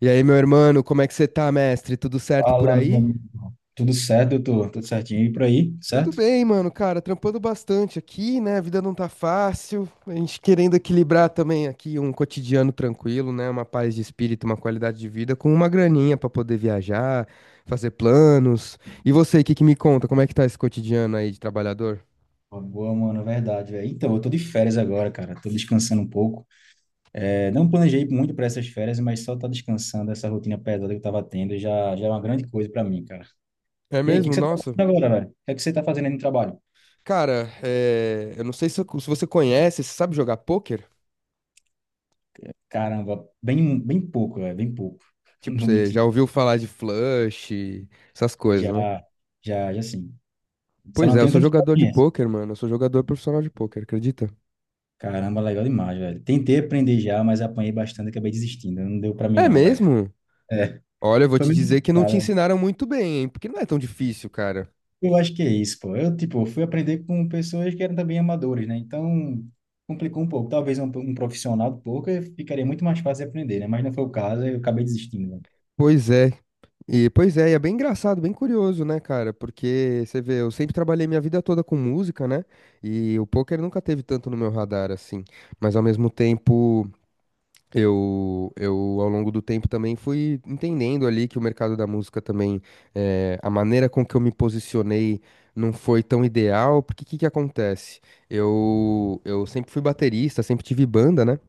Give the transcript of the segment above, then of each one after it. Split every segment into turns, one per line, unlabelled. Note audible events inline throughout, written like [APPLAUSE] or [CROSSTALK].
E aí, meu irmão, como é que você tá, mestre? Tudo certo por
Fala, meu
aí?
amigo. Tudo certo, doutor? Tudo certinho e por aí,
Tudo
certo?
bem, mano, cara, trampando bastante aqui, né? A vida não tá fácil. A gente querendo equilibrar também aqui um cotidiano tranquilo, né? Uma paz de espírito, uma qualidade de vida com uma graninha pra poder viajar, fazer planos. E você, o que que me conta? Como é que tá esse cotidiano aí de trabalhador?
Boa, mano, é verdade, velho. Então, eu tô de férias agora, cara. Tô descansando um pouco. É, não planejei muito para essas férias, mas só tá descansando essa rotina pesada que eu tava tendo já é uma grande coisa para mim, cara.
É
E aí, o que que
mesmo?
você tá
Nossa.
fazendo agora, velho? O que é que você tá fazendo aí no trabalho?
Cara, eu não sei se você conhece, você sabe jogar pôquer?
Caramba, bem pouco, velho, bem pouco. [LAUGHS] Não
Tipo,
vou
você
mentir.
já ouviu falar de flush, essas coisas.
Já, já sim. Só
Pois
não
é, eu
tenho
sou
tanta
jogador de
experiência.
pôquer, mano. Eu sou jogador profissional de pôquer, acredita?
Caramba, legal demais, velho. Tentei aprender já, mas apanhei bastante, e acabei desistindo. Não deu para mim,
É
não, velho.
mesmo?
É.
Olha, eu vou
Foi
te
muito
dizer que não te
complicado.
ensinaram muito bem, hein? Porque não é tão difícil, cara.
Eu acho que é isso, pô. Eu, tipo, fui aprender com pessoas que eram também amadores, né? Então, complicou um pouco. Talvez um profissional do poker ficaria muito mais fácil de aprender, né? Mas não foi o caso, eu acabei desistindo, né?
Pois é. E, pois é, e é bem engraçado, bem curioso, né, cara? Porque você vê, eu sempre trabalhei minha vida toda com música, né? E o poker nunca teve tanto no meu radar assim. Mas ao mesmo tempo. Eu ao longo do tempo, também fui entendendo ali que o mercado da música também, a maneira com que eu me posicionei não foi tão ideal, porque o que que acontece? Eu sempre fui baterista, sempre tive banda, né?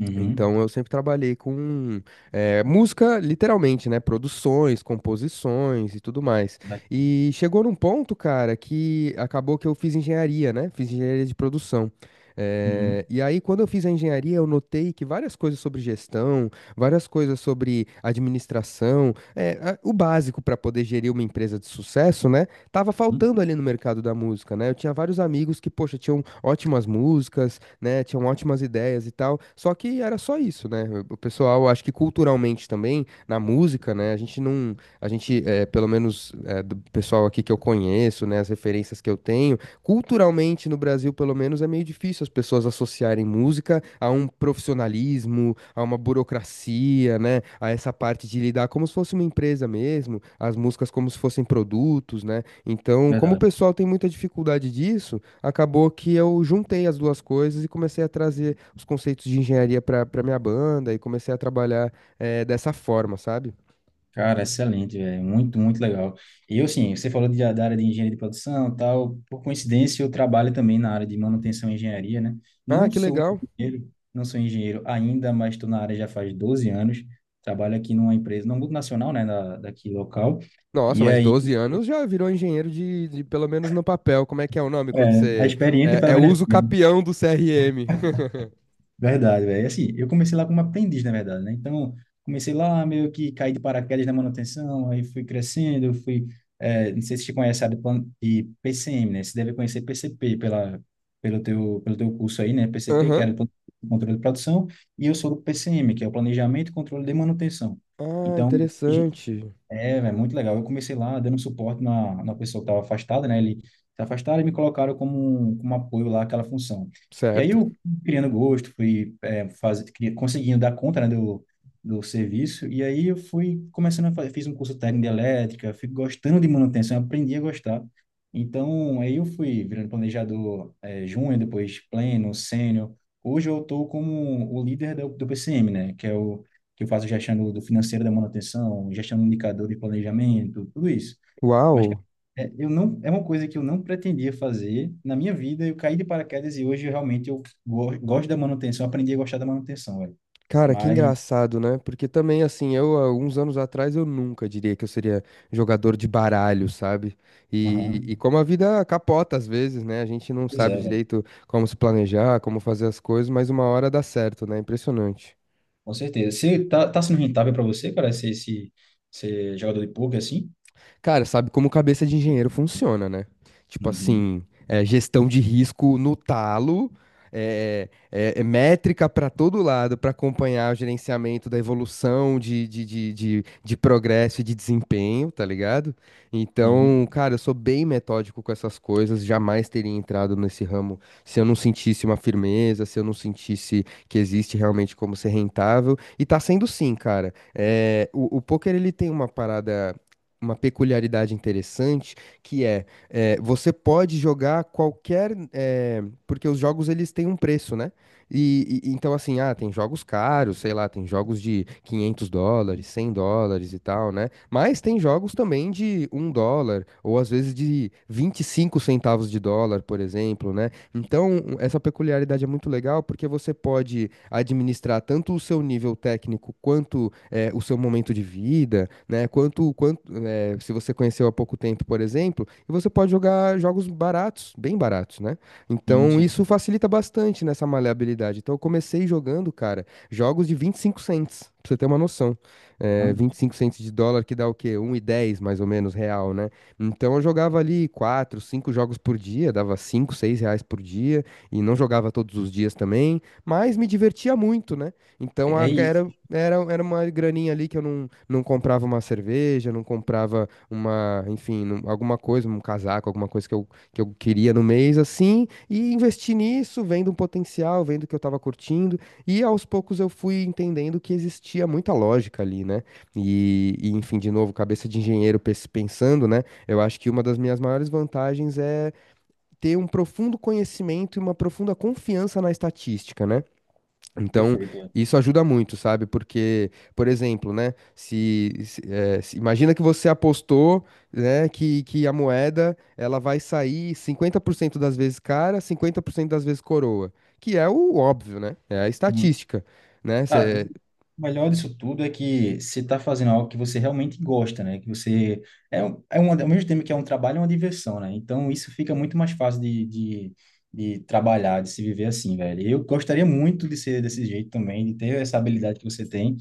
Uhum.
Então eu sempre trabalhei com música, literalmente, né? Produções, composições e tudo mais.
Verdade.
E chegou num ponto, cara, que acabou que eu fiz engenharia, né? Fiz engenharia de produção.
Uhum.
E aí, quando eu fiz a engenharia, eu notei que várias coisas sobre gestão, várias coisas sobre administração, o básico para poder gerir uma empresa de sucesso, né? Tava
Uhum.
faltando ali no mercado da música, né? Eu tinha vários amigos que, poxa, tinham ótimas músicas, né? Tinham ótimas ideias e tal. Só que era só isso, né? O pessoal, acho que culturalmente também, na música, né? A gente não, pelo menos do pessoal aqui que eu conheço, né? As referências que eu tenho, culturalmente no Brasil, pelo menos, é meio difícil as pessoas associarem música a um profissionalismo, a uma burocracia, né? A essa parte de lidar como se fosse uma empresa mesmo, as músicas como se fossem produtos, né? Então, como o
Verdade.
pessoal tem muita dificuldade disso, acabou que eu juntei as duas coisas e comecei a trazer os conceitos de engenharia para minha banda e comecei a trabalhar dessa forma, sabe?
Cara, excelente, velho. Muito, muito legal. E eu, assim, você falou da área de engenharia de produção e tal. Por coincidência, eu trabalho também na área de manutenção e engenharia, né?
Ah,
Não
que
sou
legal.
não sou engenheiro ainda, mas estou na área já faz 12 anos. Trabalho aqui numa empresa, numa multinacional, né, daqui local.
Nossa,
E
mas
aí,
12 anos já virou engenheiro pelo menos no papel. Como é que é o nome quando
é, a
você
experiência,
é,
pelo
é
menos.
uso capião do CRM? [LAUGHS]
Verdade, velho. Assim, eu comecei lá como aprendiz, na verdade, né? Então, comecei lá meio que caí de paraquedas na manutenção, aí fui crescendo, não sei se te conhece, sabe, de PCM, né? Você deve conhecer PCP pelo teu curso aí, né? PCP, que
Aham.
era o Plano de Controle de Produção, e eu sou do PCM, que é o Planejamento e Controle de Manutenção.
Ah,
Então,
interessante.
é muito legal. Eu comecei lá dando suporte na pessoa que estava afastada, né? Ele se afastaram e me colocaram como um apoio lá àquela função. E aí
Certo.
eu fui criando gosto, fui é, faz, cri- conseguindo dar conta, né, do serviço. E aí eu fui começando a fazer, fiz um curso técnico de elétrica, fui gostando de manutenção, aprendi a gostar. Então, aí eu fui virando planejador júnior, depois pleno, sênior. Hoje eu estou como o líder do PCM, né? Que é o que eu faço gestão do financeiro da manutenção, gestão do indicador de planejamento, tudo isso. Mas cara,
Uau.
é, eu não, é uma coisa que eu não pretendia fazer na minha vida. Eu caí de paraquedas e hoje eu realmente eu go gosto da manutenção, aprendi a gostar da manutenção, velho.
Cara, que
Mas,
engraçado, né? Porque também, assim, eu, há uns anos atrás, eu nunca diria que eu seria jogador de baralho, sabe? E,
aham,
e como a vida capota às vezes, né? A gente não
pois
sabe
é, velho.
direito como se planejar, como fazer as coisas, mas uma hora dá certo, né? Impressionante.
Com certeza. Você tá sendo rentável para você, cara, ser, esse, ser jogador de poker assim?
Cara, sabe como cabeça de engenheiro funciona, né? Tipo
Uhum.
assim, gestão de risco no talo, é métrica para todo lado para acompanhar o gerenciamento da evolução de progresso e de desempenho, tá ligado? Então,
Sim,
cara, eu sou bem metódico com essas coisas, jamais teria entrado nesse ramo se eu não sentisse uma firmeza, se eu não sentisse que existe realmente como ser rentável. E tá sendo sim, cara. É, o poker ele tem uma parada, uma peculiaridade interessante que é, é, você pode jogar qualquer porque os jogos eles têm um preço, né? Então assim, ah, tem jogos caros, sei lá, tem jogos de US$ 500, US$ 100 e tal, né? Mas tem jogos também de US$ 1 ou às vezes de US$ 0,25, por exemplo, né? Então, essa peculiaridade é muito legal porque você pode administrar tanto o seu nível técnico quanto o seu momento de vida, né? Quanto, se você conheceu há pouco tempo, por exemplo, e você pode jogar jogos baratos, bem baratos, né? Então
sim.
isso facilita bastante nessa maleabilidade. Então eu comecei jogando, cara, jogos de 25 cents, pra você ter uma noção.
Hã?
É, 25 cents de dólar que dá o quê? Um e dez, mais ou menos real, né? Então eu jogava ali 4, 5 jogos por dia, dava 5, 6 reais por dia, e não jogava todos os dias também, mas me divertia muito, né? Então
É é
a-
isso.
era, era, era uma graninha ali que eu não, não comprava uma cerveja, não comprava uma, enfim, alguma coisa, um casaco, alguma coisa que eu queria no mês, assim, e investi nisso, vendo um potencial, vendo que eu tava curtindo, e aos poucos eu fui entendendo que existia muita lógica ali, né? E, enfim, de novo, cabeça de engenheiro pensando, né? Eu acho que uma das minhas maiores vantagens é ter um profundo conhecimento e uma profunda confiança na estatística, né? Então,
Perfeito.
isso ajuda muito, sabe? Porque, por exemplo, né? Imagina que você apostou, né, que a moeda ela vai sair 50% das vezes cara, 50% das vezes coroa, que é o óbvio, né? É a estatística, né?
Cara, e o melhor disso tudo é que você está fazendo algo que você realmente gosta, né? Que você é, um- É um, ao mesmo tempo que é um trabalho, é uma diversão, né? Então isso fica muito mais fácil de trabalhar, de se viver assim, velho. Eu gostaria muito de ser desse jeito também, de ter essa habilidade que você tem,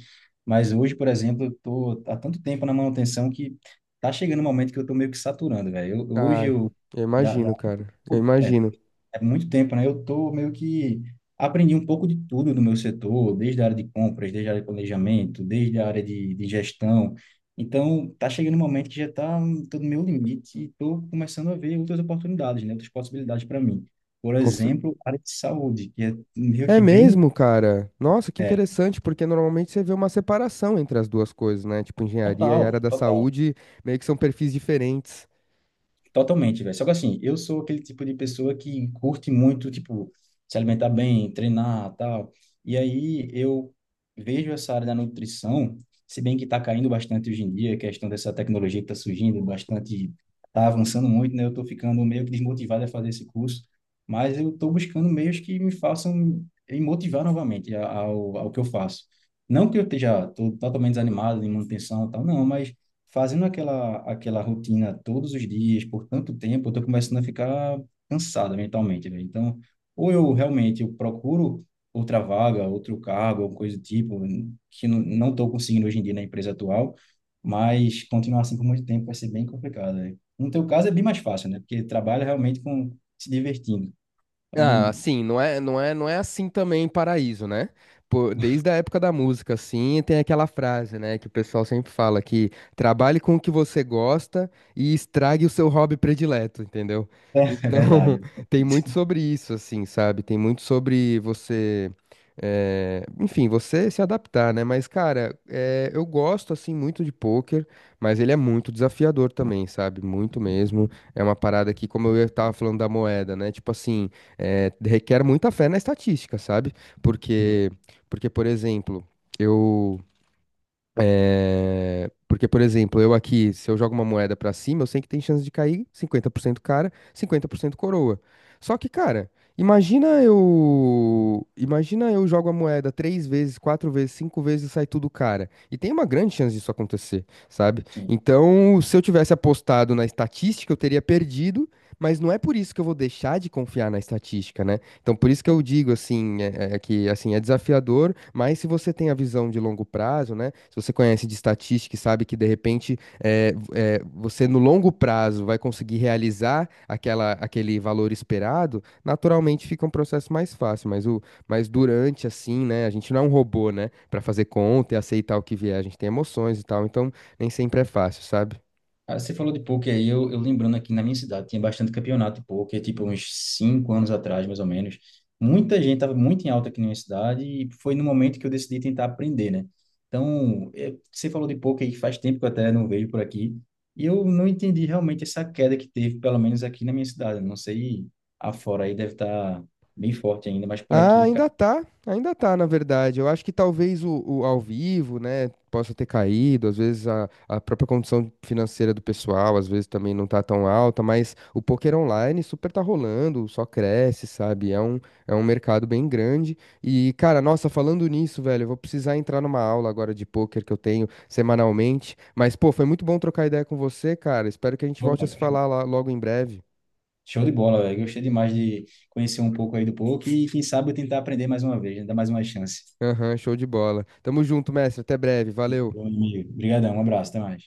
mas hoje, por exemplo, eu tô há tanto tempo na manutenção que tá chegando um momento que eu tô meio que saturando, velho. Eu- Hoje
Ai,
eu
eu
da, da-
imagino, cara. Eu
é,
imagino.
é muito tempo, né? Eu tô meio que aprendi um pouco de tudo do meu setor, desde a área de compras, desde a área de planejamento, desde a área de gestão. Então, tá chegando um momento que já está no meu limite e tô começando a ver outras oportunidades, né? Outras possibilidades para mim. Por
Constru-
exemplo, a área de saúde, que é meio
É
que bem,
mesmo, cara? Nossa, que
é,
interessante, porque normalmente você vê uma separação entre as duas coisas, né? Tipo, engenharia e área
total,
da
total.
saúde meio que são perfis diferentes.
Totalmente, velho. Só que assim, eu sou aquele tipo de pessoa que curte muito, tipo, se alimentar bem, treinar, tal. E aí eu vejo essa área da nutrição, se bem que tá caindo bastante hoje em dia, a questão dessa tecnologia que tá surgindo bastante, tá avançando muito, né? Eu tô ficando meio que desmotivado a fazer esse curso, mas eu tô buscando meios que me façam me motivar novamente ao que eu faço. Não que eu esteja tô totalmente desanimado em manutenção, e tal, não, mas fazendo aquela rotina todos os dias, por tanto tempo, eu tô começando a ficar cansado mentalmente, né? Então, ou eu realmente eu procuro outra vaga, outro cargo, alguma coisa do tipo, que não tô conseguindo hoje em dia na empresa atual, mas continuar assim por muito tempo vai ser bem complicado, né? No teu caso é bem mais fácil, né? Porque trabalha realmente com se divertindo.
Ah,
Então,
assim, não é assim também em Paraíso, né? Pô, desde a época da música, assim, tem aquela frase, né, que o pessoal sempre fala que trabalhe com o que você gosta e estrague o seu hobby predileto, entendeu?
[LAUGHS] é,
Então,
verdade.
[LAUGHS] tem muito sobre isso, assim, sabe? Tem muito sobre você, enfim, você se adaptar, né? Mas, cara, eu gosto, assim, muito de pôquer, mas ele é muito desafiador também, sabe? Muito mesmo. É uma parada que, como eu tava falando da moeda, né? Tipo assim, é, requer muita fé na estatística, sabe?
Hum,
Porque, por exemplo, eu, por exemplo, eu aqui, se eu jogo uma moeda pra cima, eu sei que tem chance de cair 50% cara, 50% coroa. Só que, cara, imagina eu jogo a moeda três vezes, quatro vezes, cinco vezes e sai tudo cara. E tem uma grande chance disso acontecer, sabe?
Sim.
Então, se eu tivesse apostado na estatística, eu teria perdido, mas não é por isso que eu vou deixar de confiar na estatística, né? Então, por isso que eu digo assim, é que assim é desafiador, mas se você tem a visão de longo prazo, né? Se você conhece de estatística e sabe que de repente você no longo prazo vai conseguir realizar aquela, aquele valor esperado, naturalmente fica um processo mais fácil. Mas durante assim, né? A gente não é um robô, né? Para fazer conta e aceitar o que vier, a gente tem emoções e tal. Então, nem sempre é fácil, sabe?
Ah, você falou de pôquer aí, eu lembrando aqui na minha cidade, tinha bastante campeonato de pôquer, tipo uns 5 anos atrás, mais ou menos. Muita gente estava muito em alta aqui na minha cidade e foi no momento que eu decidi tentar aprender, né? Então, você falou de pôquer aí, faz tempo que eu até não vejo por aqui, e eu não entendi realmente essa queda que teve, pelo menos aqui na minha cidade. Não sei, afora aí deve estar bem forte ainda, mas por
Ah,
aqui, cara,
ainda tá, na verdade. Eu acho que talvez o ao vivo, né, possa ter caído, às vezes a própria condição financeira do pessoal, às vezes também não tá tão alta, mas o poker online super tá rolando, só cresce, sabe? É um mercado bem grande. E, cara, nossa, falando nisso, velho, eu vou precisar entrar numa aula agora de poker que eu tenho semanalmente. Mas, pô, foi muito bom trocar ideia com você, cara. Espero que a gente volte a se
show
falar lá logo em breve.
show de bola, velho. Gostei demais de conhecer um pouco aí do pôquer e quem sabe eu tentar aprender mais uma vez, né? Dar mais uma chance.
Aham, show de bola. Tamo junto, mestre. Até breve. Valeu.
Bom, amigo. Obrigadão, um abraço, até mais.